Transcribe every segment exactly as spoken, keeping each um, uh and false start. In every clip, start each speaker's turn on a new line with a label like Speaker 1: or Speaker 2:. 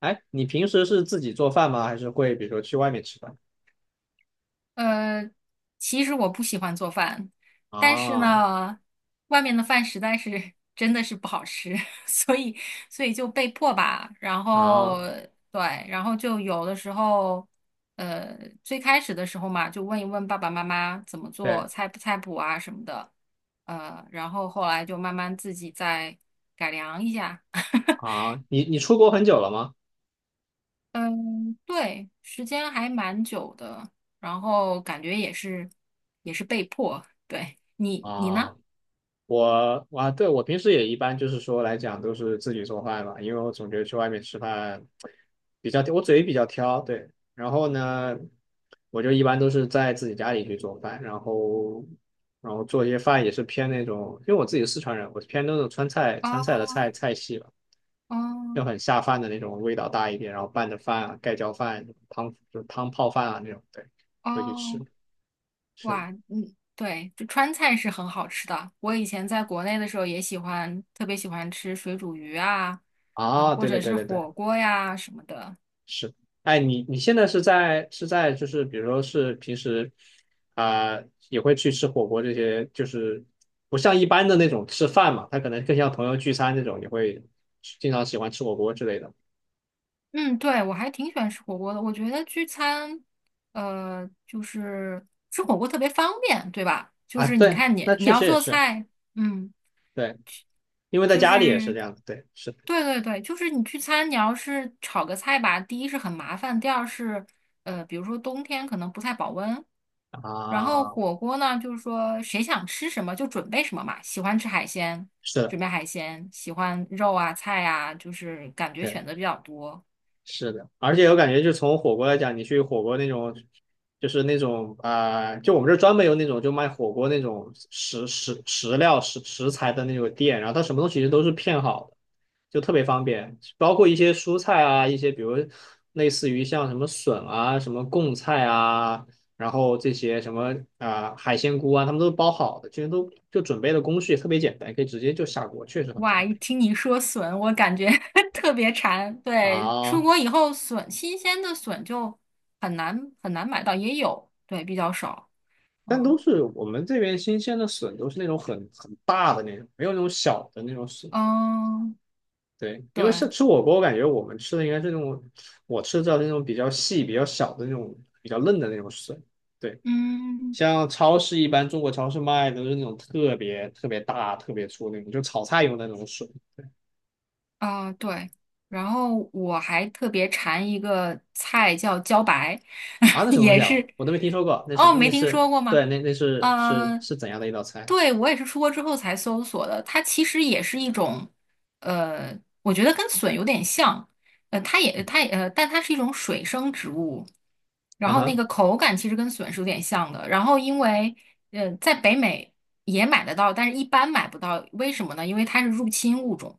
Speaker 1: 哎，你平时是自己做饭吗？还是会比如说去外面吃饭？
Speaker 2: 呃，其实我不喜欢做饭，但是
Speaker 1: 啊
Speaker 2: 呢，外面的饭实在是真的是不好吃，所以所以就被迫吧。然后
Speaker 1: 啊，
Speaker 2: 对，然后就有的时候，呃，最开始的时候嘛，就问一问爸爸妈妈怎么
Speaker 1: 对
Speaker 2: 做菜谱菜谱啊什么的，呃，然后后来就慢慢自己再改良一下。
Speaker 1: 啊，你你出国很久了吗？
Speaker 2: 嗯，对，时间还蛮久的，然后感觉也是也是被迫。对，你你呢？
Speaker 1: 啊，我啊，对我平时也一般就是说来讲都是自己做饭吧，因为我总觉得去外面吃饭比较，我嘴比较挑，对。然后呢，我就一般都是在自己家里去做饭，然后然后做一些饭也是偏那种，因为我自己是四川人，我是偏那种川菜川菜
Speaker 2: 哦
Speaker 1: 的菜菜系吧。
Speaker 2: 哦
Speaker 1: 就很下饭的那种，味道大一点，然后拌着饭啊，盖浇饭、汤就是汤泡饭啊那种，对，会去吃。
Speaker 2: 哦，
Speaker 1: 是的
Speaker 2: 哇，嗯，对，这川菜是很好吃的。我以前在国内的时候也喜欢，特别喜欢吃水煮鱼啊，啊、
Speaker 1: 啊，
Speaker 2: 或
Speaker 1: 对对
Speaker 2: 者
Speaker 1: 对
Speaker 2: 是
Speaker 1: 对对，
Speaker 2: 火锅呀什么的。
Speaker 1: 是。哎，你你现在是在是在就是比如说是平时啊、也会去吃火锅这些，就是不像一般的那种吃饭嘛，他可能更像朋友聚餐那种，也会经常喜欢吃火锅之类的
Speaker 2: 嗯，对，我还挺喜欢吃火锅的。我觉得聚餐，呃，就是吃火锅特别方便，对吧？就
Speaker 1: 啊。
Speaker 2: 是你
Speaker 1: 对，
Speaker 2: 看
Speaker 1: 那
Speaker 2: 你你
Speaker 1: 确
Speaker 2: 要
Speaker 1: 实也
Speaker 2: 做
Speaker 1: 是
Speaker 2: 菜，嗯。
Speaker 1: 对，因为在
Speaker 2: 就
Speaker 1: 家里也是
Speaker 2: 是
Speaker 1: 这样的，对，是的
Speaker 2: 对对对，就是你聚餐，你要是炒个菜吧，第一是很麻烦，第二是呃，比如说冬天可能不太保温。然后
Speaker 1: 啊，
Speaker 2: 火锅呢，就是说谁想吃什么就准备什么嘛，喜欢吃海鲜，
Speaker 1: 是的。
Speaker 2: 准备海鲜；喜欢肉啊、菜啊，就是感觉
Speaker 1: 对。
Speaker 2: 选择比较多。
Speaker 1: 是的，而且我感觉，就从火锅来讲，你去火锅那种，就是那种啊、呃就我们这儿专门有那种就卖火锅那种食食食料食食材的那种店，然后它什么东西其实都是片好的，就特别方便，包括一些蔬菜啊，一些比如类似于像什么笋啊、什么贡菜啊，然后这些什么啊、呃海鲜菇啊，他们都包好的，其实都就准备的工序也特别简单，可以直接就下锅，确实很
Speaker 2: 哇，
Speaker 1: 方
Speaker 2: 一
Speaker 1: 便
Speaker 2: 听你说笋，我感觉 特别馋。对，出
Speaker 1: 啊。
Speaker 2: 国以后笋，新鲜的笋就很难很难买到，也有，对，比较少。
Speaker 1: 但都
Speaker 2: 嗯。
Speaker 1: 是我们这边新鲜的笋，都是那种很很大的那种，没有那种小的那种笋。
Speaker 2: 嗯，
Speaker 1: 对，因为像
Speaker 2: 对，
Speaker 1: 吃火锅，我感觉我们吃的应该是那种，我吃到的是那种比较细、比较小的那种、比较嫩的那种笋。对，
Speaker 2: 嗯，
Speaker 1: 像超市一般中国超市卖的都是那种特别特别大、特别粗那种，就炒菜用的那种笋
Speaker 2: 啊、对，然后我还特别馋一个菜叫茭白，
Speaker 1: 啊，那什么东西
Speaker 2: 也
Speaker 1: 啊？
Speaker 2: 是，
Speaker 1: 我都没听说过，那是
Speaker 2: 哦，
Speaker 1: 那
Speaker 2: 没听
Speaker 1: 是
Speaker 2: 说过
Speaker 1: 对，
Speaker 2: 吗？
Speaker 1: 那那是是
Speaker 2: 呃，
Speaker 1: 是怎样的一道菜
Speaker 2: 对，我也是出国之后才搜索的，它其实也是一种，呃，我觉得跟笋有点像，呃，它也它也呃，但它是一种水生植物，然
Speaker 1: 啊？
Speaker 2: 后那
Speaker 1: 哈，
Speaker 2: 个口感其实跟笋是有点像的，然后因为呃，在北美也买得到，但是一般买不到，为什么呢？因为它是入侵物种。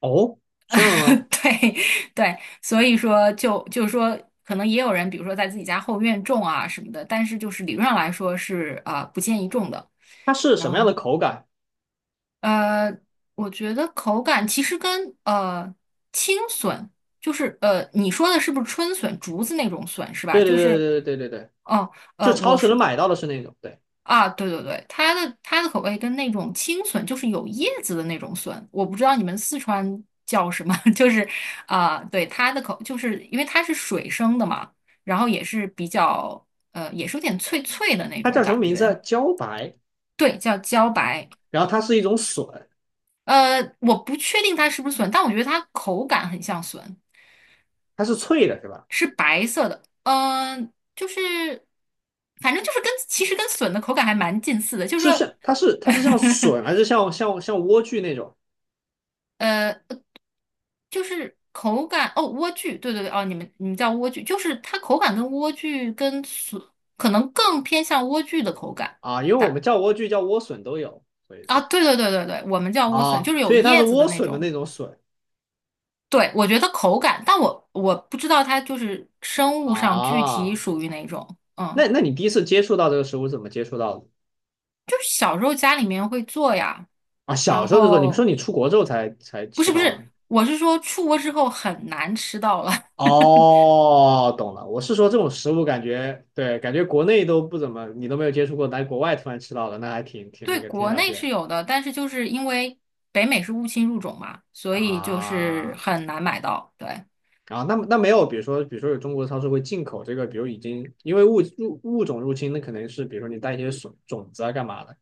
Speaker 1: 哦，这样的吗？
Speaker 2: 对对，所以说就就是说，可能也有人，比如说在自己家后院种啊什么的，但是就是理论上来说是啊、呃不建议种的。
Speaker 1: 它是什
Speaker 2: 然
Speaker 1: 么样的
Speaker 2: 后
Speaker 1: 口感？
Speaker 2: 呃，我觉得口感其实跟呃青笋，就是呃你说的是不是春笋，竹子那种笋是吧？
Speaker 1: 对对
Speaker 2: 就
Speaker 1: 对
Speaker 2: 是
Speaker 1: 对对对对对。
Speaker 2: 哦
Speaker 1: 就
Speaker 2: 呃，
Speaker 1: 超
Speaker 2: 我
Speaker 1: 市能
Speaker 2: 是。
Speaker 1: 买到的是那种，对，
Speaker 2: 啊，对对对，它的它的口味跟那种青笋，就是有叶子的那种笋，我不知道你们四川叫什么，就是啊、对它的口，就是因为它是水生的嘛，然后也是比较呃，也是有点脆脆的那
Speaker 1: 它
Speaker 2: 种
Speaker 1: 叫什么
Speaker 2: 感
Speaker 1: 名字啊？
Speaker 2: 觉，
Speaker 1: 茭白，
Speaker 2: 对，叫茭白，
Speaker 1: 然后它是一种笋，
Speaker 2: 呃，我不确定它是不是笋，但我觉得它口感很像笋，
Speaker 1: 它是脆的，是吧？
Speaker 2: 是白色的，嗯、就是反正就是跟其实跟笋的口感还蛮近似的，就是
Speaker 1: 是不
Speaker 2: 说。
Speaker 1: 是？它是它是像 笋，还是像像像莴苣那种
Speaker 2: 呃，就是口感哦，莴苣，对对对，哦，你们你们叫莴苣，就是它口感跟莴苣跟笋可能更偏向莴苣的口感。
Speaker 1: 啊？因为我
Speaker 2: 但
Speaker 1: 们叫莴苣叫莴笋都有，所以说
Speaker 2: 啊，对对对对对，我们叫莴笋，就
Speaker 1: 啊，
Speaker 2: 是
Speaker 1: 所
Speaker 2: 有
Speaker 1: 以它是
Speaker 2: 叶子
Speaker 1: 莴
Speaker 2: 的那
Speaker 1: 笋的那
Speaker 2: 种。
Speaker 1: 种笋
Speaker 2: 对，我觉得口感，但我我不知道它就是生物上具体
Speaker 1: 啊。
Speaker 2: 属于哪种。嗯，
Speaker 1: 那那你第一次接触到这个食物是怎么接触到的
Speaker 2: 就是小时候家里面会做呀，
Speaker 1: 啊？小
Speaker 2: 然
Speaker 1: 时候就做，你说
Speaker 2: 后
Speaker 1: 你出国之后才才
Speaker 2: 不
Speaker 1: 吃
Speaker 2: 是不
Speaker 1: 到
Speaker 2: 是，
Speaker 1: 的
Speaker 2: 我是说出国之后很难吃到了。
Speaker 1: 哦，懂了。我是说这种食物感觉，对，感觉国内都不怎么，你都没有接触过，来国外突然吃到的，那还挺挺
Speaker 2: 对，
Speaker 1: 那个，挺
Speaker 2: 国
Speaker 1: 少
Speaker 2: 内是
Speaker 1: 见
Speaker 2: 有的，但是就是因为北美是物侵入种嘛，所以就是
Speaker 1: 啊。
Speaker 2: 很难买到。对，
Speaker 1: 啊，那那没有，比如说，比如说有中国超市会进口这个，比如已经因为物入物种入侵，那可能是比如说你带一些种种子啊，干嘛的，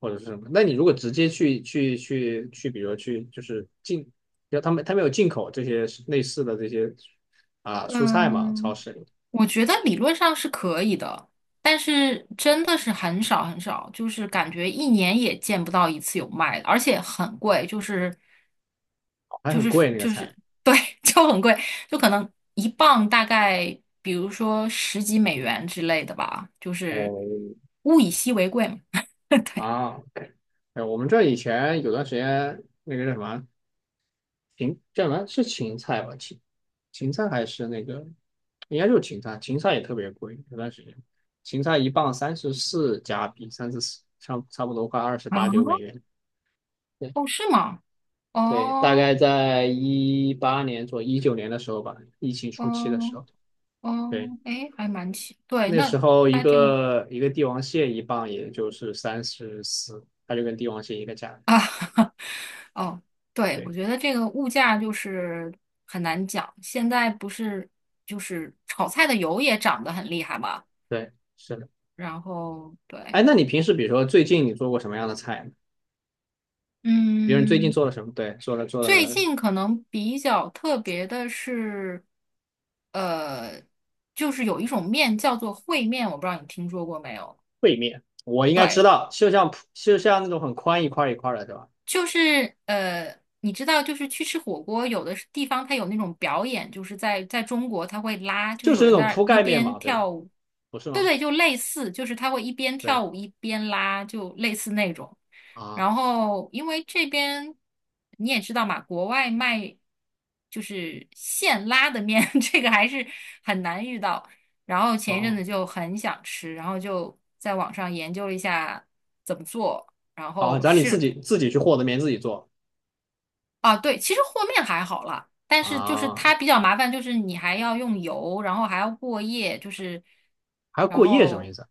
Speaker 1: 或者是什么。那你如果直接去去去去，比如说去就是进，要他们他们有进口这些类似的这些啊蔬菜嘛，超
Speaker 2: 嗯，
Speaker 1: 市里
Speaker 2: 我觉得理论上是可以的，但是真的是很少很少，就是感觉一年也见不到一次有卖的，而且很贵，就是
Speaker 1: 还
Speaker 2: 就
Speaker 1: 很
Speaker 2: 是
Speaker 1: 贵那个
Speaker 2: 就
Speaker 1: 菜。
Speaker 2: 是对，就很贵，就可能一磅大概比如说十几美元之类的吧，就是
Speaker 1: 哦，
Speaker 2: 物以稀为贵嘛。对，
Speaker 1: 啊。哎，我们这以前有段时间那个叫什么芹叫什么是芹菜吧？芹芹菜还是那个应该就是芹菜，芹菜也特别贵。有段时间芹菜一磅三十四加币，三十四差差不多快二十
Speaker 2: 啊，
Speaker 1: 八九美元。对
Speaker 2: 哦，是吗？
Speaker 1: 对，大概
Speaker 2: 哦，
Speaker 1: 在一八年左一九年的时候吧，疫情初期的时
Speaker 2: 哦，
Speaker 1: 候，对，
Speaker 2: 哦，诶，还蛮奇，对，
Speaker 1: 那时
Speaker 2: 那
Speaker 1: 候一
Speaker 2: 它这个
Speaker 1: 个一个帝王蟹一磅也就是三十四，它就跟帝王蟹一个价格
Speaker 2: 啊，哦，对，我
Speaker 1: 对
Speaker 2: 觉得这个物价就是很难讲。现在不是就是炒菜的油也涨得很厉害嘛，
Speaker 1: 对，是的。
Speaker 2: 然后
Speaker 1: 哎，
Speaker 2: 对，
Speaker 1: 那你平时比如说最近你做过什么样的菜呢？别人最近
Speaker 2: 嗯，
Speaker 1: 做了什么？对，做了做
Speaker 2: 最
Speaker 1: 了
Speaker 2: 近可能比较特别的是，呃，就是有一种面叫做烩面，我不知道你听说过没有。
Speaker 1: 烩面，我应该知
Speaker 2: 对。
Speaker 1: 道，就像铺就像那种很宽一块一块的，对吧？
Speaker 2: 就是呃，你知道，就是去吃火锅，有的是地方它有那种表演，就是在在中国，它会拉，就
Speaker 1: 就
Speaker 2: 是
Speaker 1: 是
Speaker 2: 有
Speaker 1: 那
Speaker 2: 人在
Speaker 1: 种
Speaker 2: 那儿
Speaker 1: 铺
Speaker 2: 一
Speaker 1: 盖面
Speaker 2: 边
Speaker 1: 嘛，对吧？
Speaker 2: 跳舞，
Speaker 1: 不是
Speaker 2: 对
Speaker 1: 吗？
Speaker 2: 对，就类似，就是他会一边
Speaker 1: 对
Speaker 2: 跳舞一边拉，就类似那种。
Speaker 1: 啊，
Speaker 2: 然后，因为这边你也知道嘛，国外卖就是现拉的面，这个还是很难遇到。然后前一阵
Speaker 1: 哦
Speaker 2: 子就很想吃，然后就在网上研究了一下怎么做，然
Speaker 1: 哦，
Speaker 2: 后
Speaker 1: 然后你自
Speaker 2: 试
Speaker 1: 己自己去和的面自己做
Speaker 2: 啊，对，其实和面还好了，但是就是
Speaker 1: 啊，
Speaker 2: 它比较麻烦，就是你还要用油，然后还要过夜，就是，
Speaker 1: 还要
Speaker 2: 然
Speaker 1: 过夜什么意
Speaker 2: 后
Speaker 1: 思？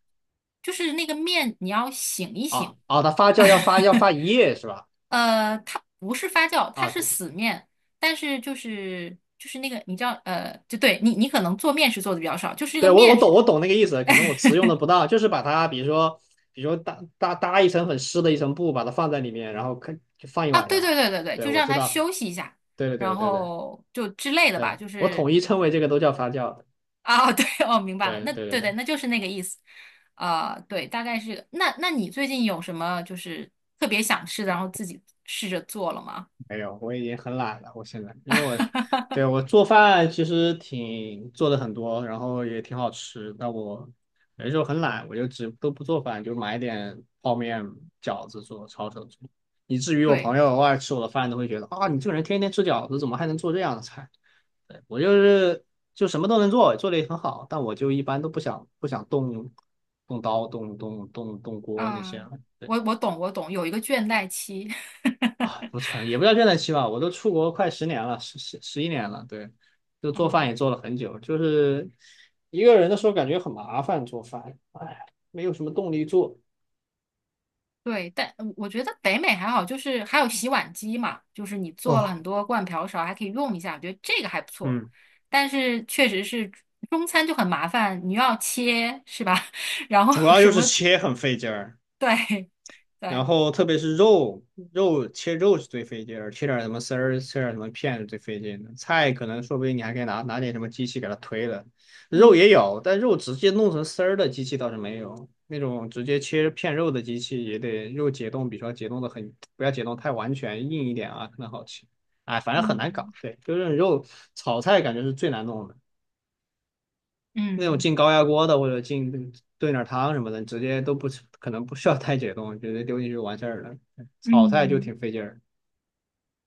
Speaker 2: 就是那个面你要醒一
Speaker 1: 啊
Speaker 2: 醒，
Speaker 1: 啊，它发酵要发要发一夜是吧？
Speaker 2: 呃，它不是发酵，它
Speaker 1: 啊，
Speaker 2: 是
Speaker 1: 对
Speaker 2: 死面，但是就是就是那个你知道，呃，就对你你可能做面食做的比较少，就是这个
Speaker 1: 对，我我
Speaker 2: 面
Speaker 1: 懂，
Speaker 2: 食
Speaker 1: 我懂那个意思，可能我词用的不当，就是把它，比如说，比如说搭搭搭一层很湿的一层布，把它放在里面，然后可就放一
Speaker 2: 啊，
Speaker 1: 晚
Speaker 2: 对
Speaker 1: 上。
Speaker 2: 对对对对，
Speaker 1: 对，
Speaker 2: 就
Speaker 1: 我
Speaker 2: 让
Speaker 1: 知
Speaker 2: 它
Speaker 1: 道，
Speaker 2: 休息一下，
Speaker 1: 对对对
Speaker 2: 然
Speaker 1: 对对
Speaker 2: 后就之类的
Speaker 1: 对，
Speaker 2: 吧，就
Speaker 1: 我
Speaker 2: 是
Speaker 1: 统一称为这个都叫发酵。
Speaker 2: 啊，对，哦，明白了，
Speaker 1: 对
Speaker 2: 那
Speaker 1: 对对
Speaker 2: 对对，
Speaker 1: 对。
Speaker 2: 那就是那个意思，啊、对，大概是这个那那你最近有什么就是特别想吃的，然后自己试着做了吗？
Speaker 1: 没有，我已经很懒了。我现在，因为我，对，我做饭其实挺做的很多，然后也挺好吃。但我有的时候很懒，我就只都不做饭，就买点泡面、饺子做，抄手做。以至于我
Speaker 2: 对，
Speaker 1: 朋友偶尔吃我的饭都会觉得啊，你这个人天天吃饺子，怎么还能做这样的菜？对，我就是就什么都能做，做的也很好，但我就一般都不想不想动动刀、动动动动锅那
Speaker 2: 啊、
Speaker 1: 些。对
Speaker 2: 我我懂，我懂，有一个倦怠期。
Speaker 1: 啊，不存，也不叫倦怠期吧，我都出国快十年了，十十十一年了，对，就 做饭
Speaker 2: 哦，
Speaker 1: 也做了很久，就是一个人的时候感觉很麻烦做饭，哎，没有什么动力做。
Speaker 2: 对，但呃我觉得北美还好，就是还有洗碗机嘛，就是你做了
Speaker 1: 哦，
Speaker 2: 很多罐瓢勺，还可以用一下，我觉得这个还不错。
Speaker 1: 嗯，
Speaker 2: 但是确实是中餐就很麻烦，你又要切，是吧？然后
Speaker 1: 主要
Speaker 2: 什
Speaker 1: 就是
Speaker 2: 么，
Speaker 1: 切很费劲儿，
Speaker 2: 对
Speaker 1: 然
Speaker 2: 对。
Speaker 1: 后特别是肉，肉切肉是最费劲儿，切点儿什么丝儿，切点儿什么片是最费劲的。菜可能说不定你还可以拿拿点什么机器给它推了，肉也
Speaker 2: 嗯
Speaker 1: 有，但肉直接弄成丝儿的机器倒是没有，那种直接切片肉的机器也得肉解冻，比如说解冻的很，不要解冻太完全，硬一点啊，可能好吃。哎，反正很难搞，
Speaker 2: 嗯
Speaker 1: 对，就是肉炒菜感觉是最难弄的。那种
Speaker 2: 嗯
Speaker 1: 进高压锅的或者进炖点汤什么的，直接都不可能不需要太解冻，直接丢进去就完事儿了。炒菜就
Speaker 2: 嗯，
Speaker 1: 挺费劲儿，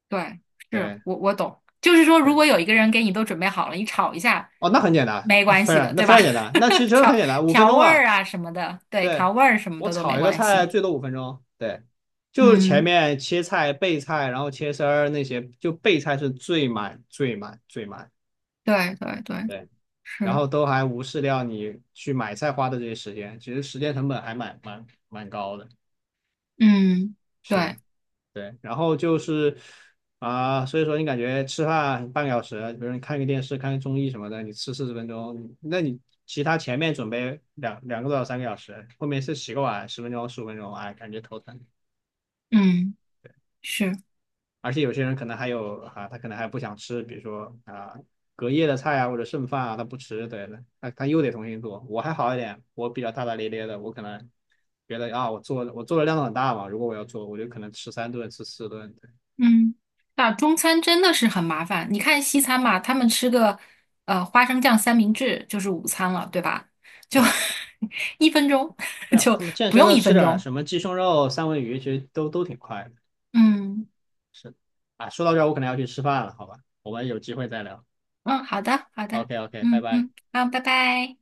Speaker 2: 对，是
Speaker 1: 对
Speaker 2: 我我懂，就是说，如
Speaker 1: 对，
Speaker 2: 果有一个人给你都准备好了，你炒一下
Speaker 1: 哦，那很简单，
Speaker 2: 没
Speaker 1: 那
Speaker 2: 关
Speaker 1: 非
Speaker 2: 系
Speaker 1: 常
Speaker 2: 的，
Speaker 1: 那
Speaker 2: 对
Speaker 1: 非
Speaker 2: 吧？
Speaker 1: 常简单，那其实 真的很
Speaker 2: 调
Speaker 1: 简单，五分
Speaker 2: 调
Speaker 1: 钟
Speaker 2: 味儿
Speaker 1: 吧。
Speaker 2: 啊什么的，对，
Speaker 1: 对，
Speaker 2: 调味儿什么
Speaker 1: 我
Speaker 2: 的都没
Speaker 1: 炒一个
Speaker 2: 关
Speaker 1: 菜
Speaker 2: 系。
Speaker 1: 最多五分钟，对，就是前
Speaker 2: 嗯，
Speaker 1: 面切菜、备菜，然后切丝儿那些，就备菜是最慢、最慢、最慢。
Speaker 2: 对对对，
Speaker 1: 对。然
Speaker 2: 是，
Speaker 1: 后都还无视掉你去买菜花的这些时间，其实时间成本还蛮蛮蛮高的。
Speaker 2: 嗯，
Speaker 1: 是的。
Speaker 2: 对，
Speaker 1: 对，然后就是啊、所以说你感觉吃饭半个小时，比如你看个电视、看个综艺什么的，你吃四十分钟，那你其他前面准备两两个多小时、三个小时，后面是洗个碗十分钟、十五分钟，哎，感觉头疼。
Speaker 2: 嗯，是。
Speaker 1: 而且有些人可能还有啊，他可能还不想吃，比如说啊隔夜的菜啊或者剩饭啊，他不吃，对的，他他又得重新做。我还好一点，我比较大大咧咧的，我可能觉得啊，我做我做的量很大嘛，如果我要做，我就可能吃三顿、吃四顿，对。
Speaker 2: 嗯，那中餐真的是很麻烦。你看西餐嘛，他们吃个呃花生酱三明治就是午餐了，对吧？就
Speaker 1: 对
Speaker 2: 一分钟，
Speaker 1: 对啊，
Speaker 2: 就
Speaker 1: 那么健
Speaker 2: 不
Speaker 1: 身
Speaker 2: 用
Speaker 1: 的
Speaker 2: 一
Speaker 1: 吃
Speaker 2: 分
Speaker 1: 点
Speaker 2: 钟。
Speaker 1: 什么鸡胸肉、三文鱼，其实都都挺快的
Speaker 2: 嗯
Speaker 1: 啊。说到这儿，我可能要去吃饭了，好吧？我们有机会再聊。
Speaker 2: 嗯，好的好的，
Speaker 1: OK OK，拜
Speaker 2: 嗯
Speaker 1: 拜。
Speaker 2: 嗯，好，拜拜。